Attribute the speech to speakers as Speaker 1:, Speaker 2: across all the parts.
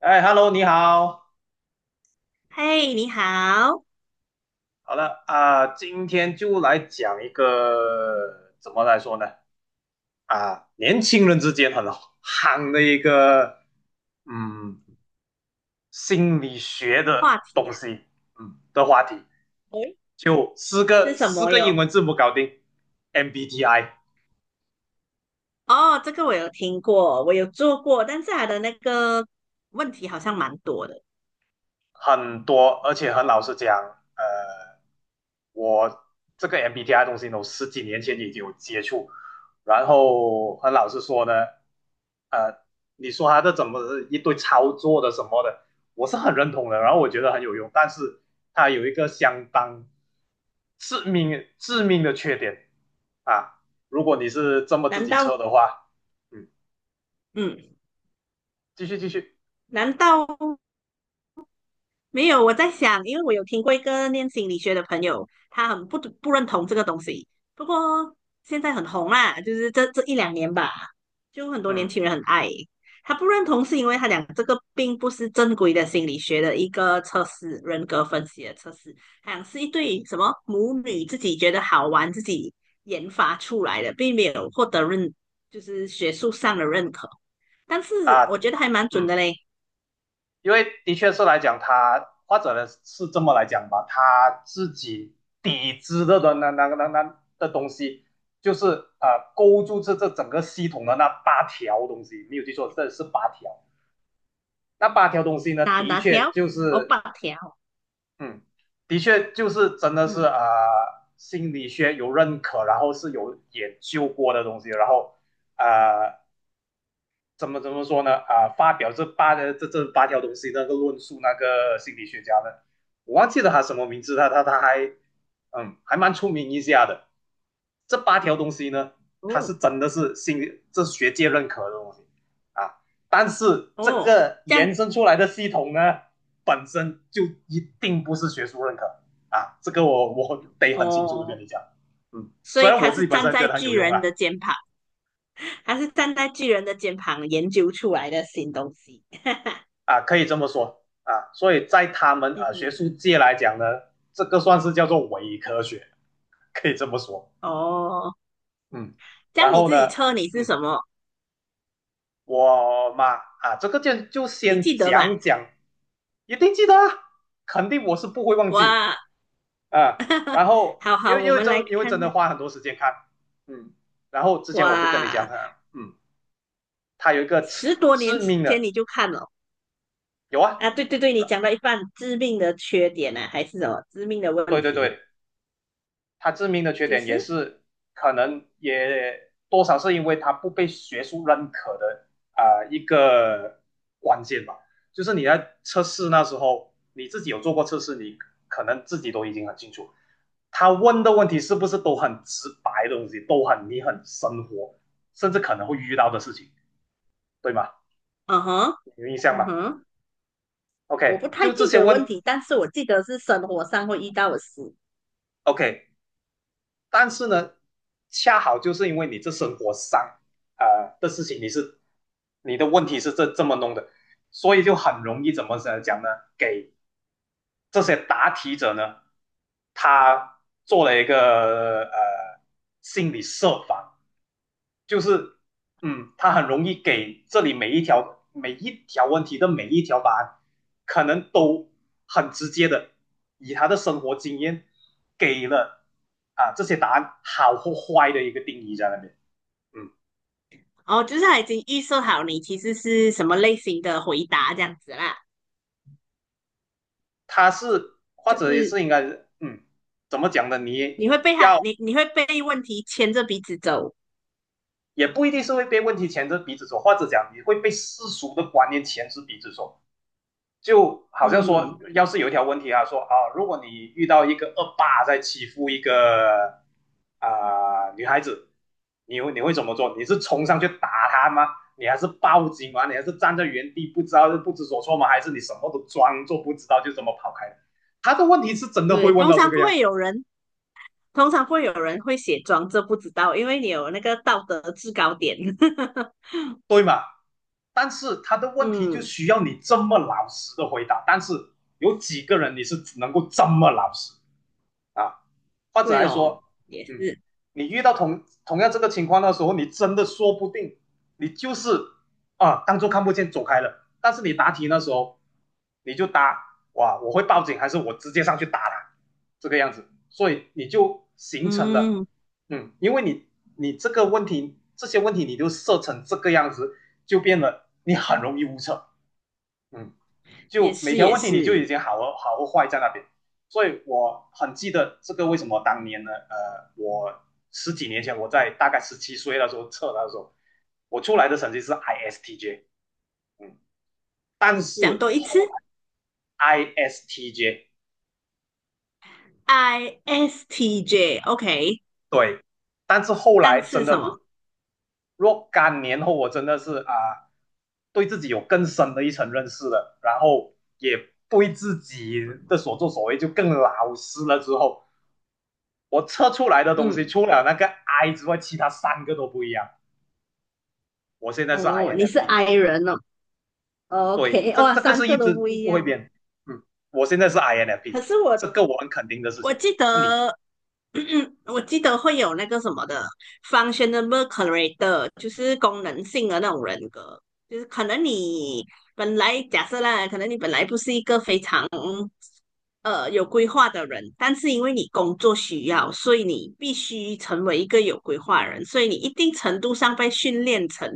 Speaker 1: 哎，Hello，你好。
Speaker 2: 嘿，你好，
Speaker 1: 好了啊，今天就来讲一个怎么来说呢？啊，年轻人之间很夯的一个嗯心理学的
Speaker 2: 话题
Speaker 1: 东
Speaker 2: 啊，
Speaker 1: 西，的话题，
Speaker 2: 诶，
Speaker 1: 就四
Speaker 2: 是
Speaker 1: 个
Speaker 2: 什
Speaker 1: 四
Speaker 2: 么
Speaker 1: 个英
Speaker 2: 哟？
Speaker 1: 文字母搞定，MBTI。
Speaker 2: 哦，这个我有听过，我有做过，但是它的那个问题好像蛮多的。
Speaker 1: 很多，而且很老实讲，呃，我这个 MBTI 东西呢，我十几年前已经有接触，然后很老实说呢，呃，你说它这怎么是一堆操作的什么的，我是很认同的，然后我觉得很有用，但是它有一个相当致命的缺点啊，如果你是这么自
Speaker 2: 难
Speaker 1: 己
Speaker 2: 道，
Speaker 1: 测的话，嗯，
Speaker 2: 嗯，
Speaker 1: 继续继续，
Speaker 2: 难道没有，我在想，因为我有听过一个念心理学的朋友，他很不认同这个东西。不过现在很红啦，就是这一两年吧，就很多年
Speaker 1: 嗯
Speaker 2: 轻人很爱。他不认同是因为他讲这个并不是正规的心理学的一个测试，人格分析的测试，好像是一对什么母女自己觉得好玩，自己研发出来的，并没有获得认，就是学术上的认可。但是我
Speaker 1: 啊，
Speaker 2: 觉得还蛮准
Speaker 1: 嗯。
Speaker 2: 的嘞，
Speaker 1: 因为的确是来讲，他或者呢是这么来讲吧，他自己底制的那的东西，就是勾住这整个系统的那八条东西，没有记错，这是八条。那八条东西呢，
Speaker 2: 哪哪条？哦，八条，
Speaker 1: 嗯，的确就是真的是
Speaker 2: 嗯。
Speaker 1: 心理学有认可，然后是有研究过的东西，然后呃怎么说呢？啊，发表这八条东西，那个论述那个心理学家呢，我忘记了他什么名字，他还还蛮出名一下的。这八条东西呢，他
Speaker 2: 哦
Speaker 1: 是真的是这是学界认可的东西啊，但是这
Speaker 2: 哦，
Speaker 1: 个
Speaker 2: 这样
Speaker 1: 延伸出来的系统呢，本身就一定不是学术认可啊，这个我得很清楚的跟
Speaker 2: 哦，
Speaker 1: 你讲，嗯，
Speaker 2: 所
Speaker 1: 虽
Speaker 2: 以
Speaker 1: 然我
Speaker 2: 他
Speaker 1: 自
Speaker 2: 是
Speaker 1: 己本
Speaker 2: 站
Speaker 1: 身觉
Speaker 2: 在
Speaker 1: 得很有
Speaker 2: 巨
Speaker 1: 用
Speaker 2: 人的
Speaker 1: 啦。
Speaker 2: 肩膀，他是站在巨人的肩膀研究出来的新东西。
Speaker 1: 啊，可以这么说啊。所以在他们学
Speaker 2: 嗯，
Speaker 1: 术界来讲呢，这个算是叫做伪科学，可以这么说。
Speaker 2: 哦，
Speaker 1: 嗯，
Speaker 2: 这
Speaker 1: 然
Speaker 2: 样你
Speaker 1: 后
Speaker 2: 自
Speaker 1: 呢，
Speaker 2: 己测你是
Speaker 1: 嗯，
Speaker 2: 什么？
Speaker 1: 我嘛啊，这个就
Speaker 2: 你
Speaker 1: 先
Speaker 2: 记得吧？
Speaker 1: 讲讲，一定记得啊，肯定我是不会忘
Speaker 2: 哇，
Speaker 1: 记啊。然 后
Speaker 2: 好
Speaker 1: 因
Speaker 2: 好，
Speaker 1: 为
Speaker 2: 我
Speaker 1: 因为
Speaker 2: 们来
Speaker 1: 真因为真
Speaker 2: 看
Speaker 1: 的
Speaker 2: 的。
Speaker 1: 花很多时间看，嗯，然后之前我不跟你讲
Speaker 2: 哇，
Speaker 1: 他，他有一个致
Speaker 2: 十多年
Speaker 1: 致命
Speaker 2: 前
Speaker 1: 的
Speaker 2: 你就看了
Speaker 1: 有啊，
Speaker 2: 啊？对对对，你讲到一半，致命的缺点呢、啊，还是什么致命的
Speaker 1: 对
Speaker 2: 问
Speaker 1: 对
Speaker 2: 题？
Speaker 1: 对。他致命的缺
Speaker 2: 就
Speaker 1: 点也
Speaker 2: 是，
Speaker 1: 是可能也多少是因为他不被学术认可的啊，一个关键吧。就是你在测试那时候，你自己有做过测试，你可能自己都已经很清楚，他问的问题是不是都很直白的东西，都很你很生活，甚至可能会遇到的事情，对吗？
Speaker 2: 嗯哼，
Speaker 1: 有印象吗
Speaker 2: 嗯哼。我不
Speaker 1: ？OK，就
Speaker 2: 太
Speaker 1: 这
Speaker 2: 记
Speaker 1: 些
Speaker 2: 得
Speaker 1: 问
Speaker 2: 问题，但是我记得是生活上会遇到的事。
Speaker 1: OK，但是呢，恰好就是因为你这生活上的事情，你的问题是这么弄的，所以就很容易怎么讲呢？给这些答题者呢，他做了一个心理设防，就是他很容易给这里每一条每一条问题的每一条答案，可能都很直接的以他的生活经验给了啊这些答案好或坏的一个定义在那边。嗯，
Speaker 2: 哦，就是他已经预设好你其实是什么类型的回答这样子啦，
Speaker 1: 他是或
Speaker 2: 就
Speaker 1: 者也
Speaker 2: 是
Speaker 1: 是应该嗯怎么讲呢？
Speaker 2: 你会被他，
Speaker 1: 要
Speaker 2: 你会被问题牵着鼻子走。
Speaker 1: 也不一定是会被问题牵着鼻子走，或者讲你会被世俗的观念牵着鼻子走。就好像说，
Speaker 2: 嗯，
Speaker 1: 要是有一条问题啊，说啊，如果你遇到一个恶霸在欺负一个啊、女孩子，你会怎么做？你是冲上去打他吗？你还是报警吗？你还是站在原地不知所措吗？还是你什么都装作不知道就这么跑开了。他的问题是真的会
Speaker 2: 对，
Speaker 1: 问
Speaker 2: 通
Speaker 1: 到这
Speaker 2: 常
Speaker 1: 个
Speaker 2: 不
Speaker 1: 样
Speaker 2: 会
Speaker 1: 子，
Speaker 2: 有人，通常不会有人会写装这不知道，因为你有那个道德制高点。
Speaker 1: 但是他的问题就
Speaker 2: 嗯，
Speaker 1: 需要你这么老实的回答。但是有几个人你是能够这么老实啊？或者
Speaker 2: 对
Speaker 1: 还
Speaker 2: 咯，
Speaker 1: 说，
Speaker 2: 也
Speaker 1: 嗯，
Speaker 2: 是，
Speaker 1: 你遇到同样这个情况的时候，你真的说不定你就是啊，当做看不见走开了。但是你答题那时候，你就答哇，我会报警还是我直接上去打他，这个样子，所以你就形成了，
Speaker 2: 嗯，
Speaker 1: 因为你这个问题这些问题你就设成这个样子，就变得你很容易误测，嗯。
Speaker 2: 也
Speaker 1: 就每
Speaker 2: 是
Speaker 1: 条
Speaker 2: 也
Speaker 1: 问题你就
Speaker 2: 是，
Speaker 1: 已经好和坏在那边。所以我很记得这个为什么当年呢？我十几年前我在大概17岁的时候测的时候，我出来的成绩是 ISTJ，嗯，但是
Speaker 2: 讲多一次
Speaker 1: 后 ISTJ
Speaker 2: ，ISTJ，OK，
Speaker 1: 对，但是后
Speaker 2: 但
Speaker 1: 来真
Speaker 2: 是什
Speaker 1: 的
Speaker 2: 么？
Speaker 1: 若干年后，我真的是对自己有更深的一层认识了，然后也对自己的所作所为就更老实了之后，我测出来的东西，
Speaker 2: 嗯。
Speaker 1: 除了那个 I 之外，其他三个都不一样。我现在是
Speaker 2: 哦，你是
Speaker 1: INFP，
Speaker 2: I 人哦
Speaker 1: 对，
Speaker 2: ，OK，
Speaker 1: 这
Speaker 2: 哇，
Speaker 1: 这个
Speaker 2: 三
Speaker 1: 是一
Speaker 2: 个都
Speaker 1: 直
Speaker 2: 不
Speaker 1: 不
Speaker 2: 一
Speaker 1: 不会
Speaker 2: 样，
Speaker 1: 变。嗯，我现在是
Speaker 2: 可
Speaker 1: INFP，
Speaker 2: 是我
Speaker 1: 这个我很肯定的事
Speaker 2: 我
Speaker 1: 情。
Speaker 2: 记
Speaker 1: 那你呢？
Speaker 2: 得，我记得会有那个什么的 functional character，就是功能性的那种人格，就是可能你本来假设啦，可能你本来不是一个非常有规划的人，但是因为你工作需要，所以你必须成为一个有规划的人，所以你一定程度上被训练成。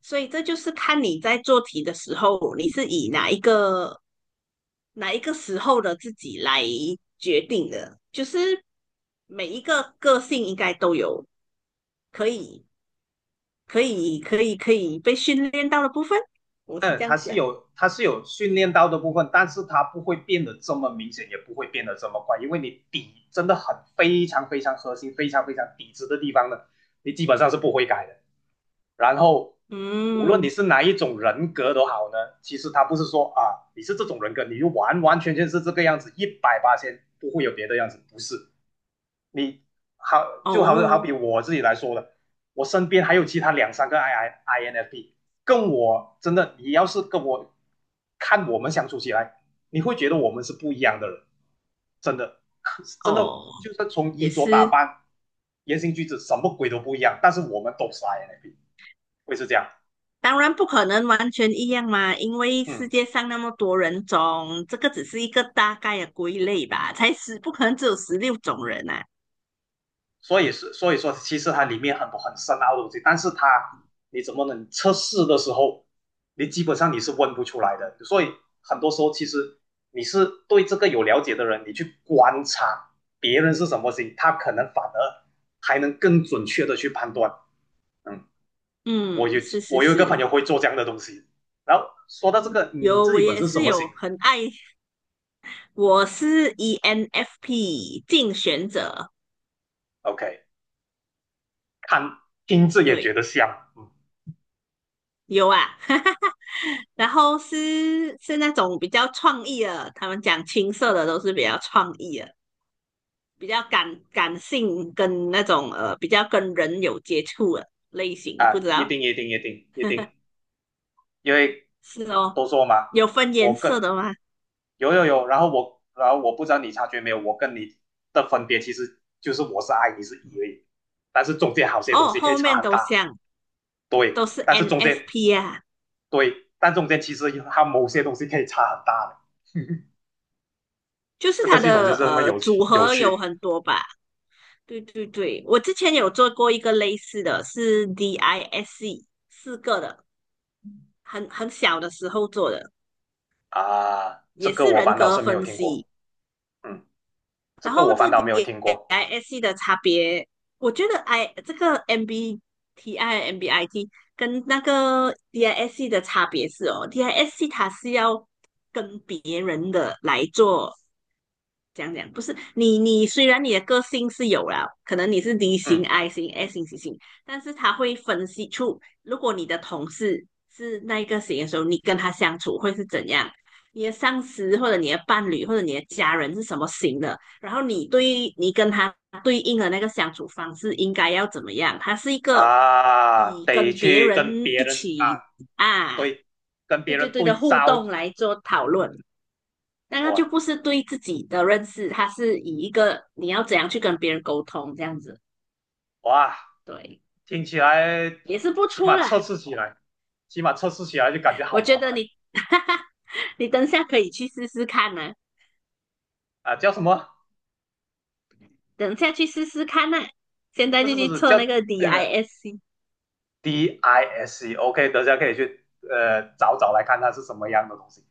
Speaker 2: 所以这就是看你在做题的时候，你是以哪一个时候的自己来决定的。就是每一个个性应该都有可以可以被训练到的部分，我是
Speaker 1: 嗯，
Speaker 2: 这样
Speaker 1: 它是
Speaker 2: 想。
Speaker 1: 有它是有训练到的部分，但是它不会变得这么明显，也不会变得这么快，因为你底真的很非常非常核心、非常非常底子的地方呢，你基本上是不会改的。然后，无论你
Speaker 2: 嗯，
Speaker 1: 是哪一种人格都好呢，其实它不是说啊，你是这种人格，你就完完全全是这个样子，一百八千不会有别的样子，不是，你好，就好好
Speaker 2: 哦
Speaker 1: 比我自己来说的，我身边还有其他两三个 INFP，跟我真的，你要是跟我看我们相处起来，你会觉得我们是不一样的人，真的，真的
Speaker 2: 哦，
Speaker 1: 就是从
Speaker 2: 也
Speaker 1: 衣着打
Speaker 2: 是。
Speaker 1: 扮、言行举止什么鬼都不一样，但是我们都是 I N F P，会是这样，
Speaker 2: 当然不可能完全一样嘛，因为
Speaker 1: 嗯。
Speaker 2: 世界上那么多人种，这个只是一个大概的归类吧，才十，不可能只有十六种人啊。
Speaker 1: 所以说，其实它里面很多很深奥的东西，但是它你怎么能测试的时候，你基本上是问不出来的。所以很多时候，其实你是对这个有了解的人，你去观察别人是什么心，他可能反而还能更准确的去判断。嗯，我
Speaker 2: 嗯，
Speaker 1: 有
Speaker 2: 是是
Speaker 1: 我有一个朋
Speaker 2: 是，
Speaker 1: 友会做这样的东西。然后说到这个，你
Speaker 2: 有
Speaker 1: 自
Speaker 2: 我
Speaker 1: 己本
Speaker 2: 也
Speaker 1: 身什
Speaker 2: 是
Speaker 1: 么
Speaker 2: 有
Speaker 1: 型
Speaker 2: 很爱，我是 ENFP 竞选者，
Speaker 1: ？OK，看听字也觉得
Speaker 2: 对，
Speaker 1: 像，嗯
Speaker 2: 有啊，哈哈哈。然后是那种比较创意的，他们讲青色的都是比较创意的，比较感性跟那种比较跟人有接触的类型，不
Speaker 1: 啊，
Speaker 2: 知
Speaker 1: 一
Speaker 2: 道
Speaker 1: 定一定一定一定因为
Speaker 2: 是哦，
Speaker 1: 都说嘛，
Speaker 2: 有分颜
Speaker 1: 我跟
Speaker 2: 色的吗？
Speaker 1: 有有有，然后我不知道你察觉没有，我跟你的分别其实就是我是 I，你是 E 而已，但是中间好些东
Speaker 2: 哦，
Speaker 1: 西可以
Speaker 2: 后
Speaker 1: 差
Speaker 2: 面
Speaker 1: 很
Speaker 2: 都
Speaker 1: 大，
Speaker 2: 像
Speaker 1: 对，
Speaker 2: 都是 NFP 啊，
Speaker 1: 但中间其实它某些东西可以差很大的，
Speaker 2: 就是
Speaker 1: 这个
Speaker 2: 它
Speaker 1: 系统就
Speaker 2: 的
Speaker 1: 是那么有
Speaker 2: 组
Speaker 1: 趣有
Speaker 2: 合有
Speaker 1: 趣
Speaker 2: 很多吧。对对对，我之前有做过一个类似的，是 DISC 四个的，很小的时候做的，
Speaker 1: 啊，这
Speaker 2: 也
Speaker 1: 个
Speaker 2: 是
Speaker 1: 我
Speaker 2: 人
Speaker 1: 反倒
Speaker 2: 格
Speaker 1: 是没有
Speaker 2: 分
Speaker 1: 听过，
Speaker 2: 析。
Speaker 1: 嗯，这
Speaker 2: 然
Speaker 1: 个
Speaker 2: 后
Speaker 1: 我反
Speaker 2: 这
Speaker 1: 倒
Speaker 2: 点
Speaker 1: 没有听过，
Speaker 2: i s C 的差别，我觉得 I 这个 MBTI、MBIT 跟那个 DISC 的差别是哦，DISC 它是要跟别人的来做。讲讲不是你，你虽然你的个性是有了，可能你是 D 型、
Speaker 1: 嗯
Speaker 2: I 型、S 型、C 型，但是他会分析出，如果你的同事是那一个型的时候，你跟他相处会是怎样，你的上司或者你的伴侣或者你的家人是什么型的，然后你对你跟他对应的那个相处方式应该要怎么样？它是一个
Speaker 1: 啊，
Speaker 2: 以
Speaker 1: 得
Speaker 2: 跟别
Speaker 1: 去跟
Speaker 2: 人
Speaker 1: 别
Speaker 2: 一
Speaker 1: 人
Speaker 2: 起
Speaker 1: 啊，
Speaker 2: 啊，
Speaker 1: 对，跟
Speaker 2: 对
Speaker 1: 别
Speaker 2: 对
Speaker 1: 人
Speaker 2: 对的
Speaker 1: 对
Speaker 2: 互
Speaker 1: 照。
Speaker 2: 动来做讨论，那它就
Speaker 1: 哇
Speaker 2: 不是对自己的认识，它是以一个你要怎样去跟别人沟通这样子，
Speaker 1: 哇，
Speaker 2: 对，
Speaker 1: 听起来
Speaker 2: 也是不
Speaker 1: 起
Speaker 2: 错
Speaker 1: 码
Speaker 2: 啦。
Speaker 1: 测试起来，起码测试起来就感觉好
Speaker 2: 我觉
Speaker 1: 麻
Speaker 2: 得
Speaker 1: 烦
Speaker 2: 你，哈哈，你等下可以去试试看呢、
Speaker 1: 啊！叫什么？
Speaker 2: 等下去试试看呢、现在
Speaker 1: 不
Speaker 2: 就
Speaker 1: 是不
Speaker 2: 去
Speaker 1: 是
Speaker 2: 测
Speaker 1: 叫
Speaker 2: 那个
Speaker 1: 那个
Speaker 2: DISC，
Speaker 1: DISC，OK，等下可以去找找来看它是什么样的东西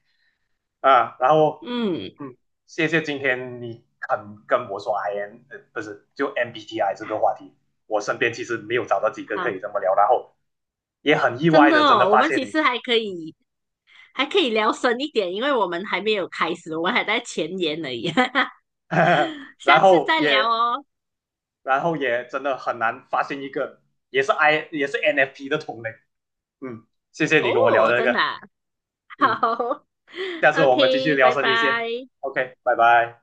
Speaker 1: 啊。然后
Speaker 2: 嗯，
Speaker 1: 嗯，谢谢今天你肯跟我说 IN，不是就 MBTI 这个话题，我身边其实没有找到几个可
Speaker 2: 好。
Speaker 1: 以这么聊，然后也很意
Speaker 2: 真
Speaker 1: 外
Speaker 2: 的
Speaker 1: 的真的
Speaker 2: 哦，我
Speaker 1: 发
Speaker 2: 们
Speaker 1: 现
Speaker 2: 其
Speaker 1: 你，
Speaker 2: 实还可以聊深一点，因为我们还没有开始，我们还在前言而已，下
Speaker 1: 然
Speaker 2: 次
Speaker 1: 后
Speaker 2: 再聊
Speaker 1: 也
Speaker 2: 哦。
Speaker 1: 然后也真的很难发现一个也是 I 也是 NFP 的同类。嗯，谢谢你跟我聊
Speaker 2: 哦，
Speaker 1: 这
Speaker 2: 真
Speaker 1: 个。
Speaker 2: 的啊
Speaker 1: 嗯，
Speaker 2: 好
Speaker 1: 下次我们继续
Speaker 2: ，OK，
Speaker 1: 聊
Speaker 2: 拜
Speaker 1: 深一些。
Speaker 2: 拜。
Speaker 1: OK，拜拜。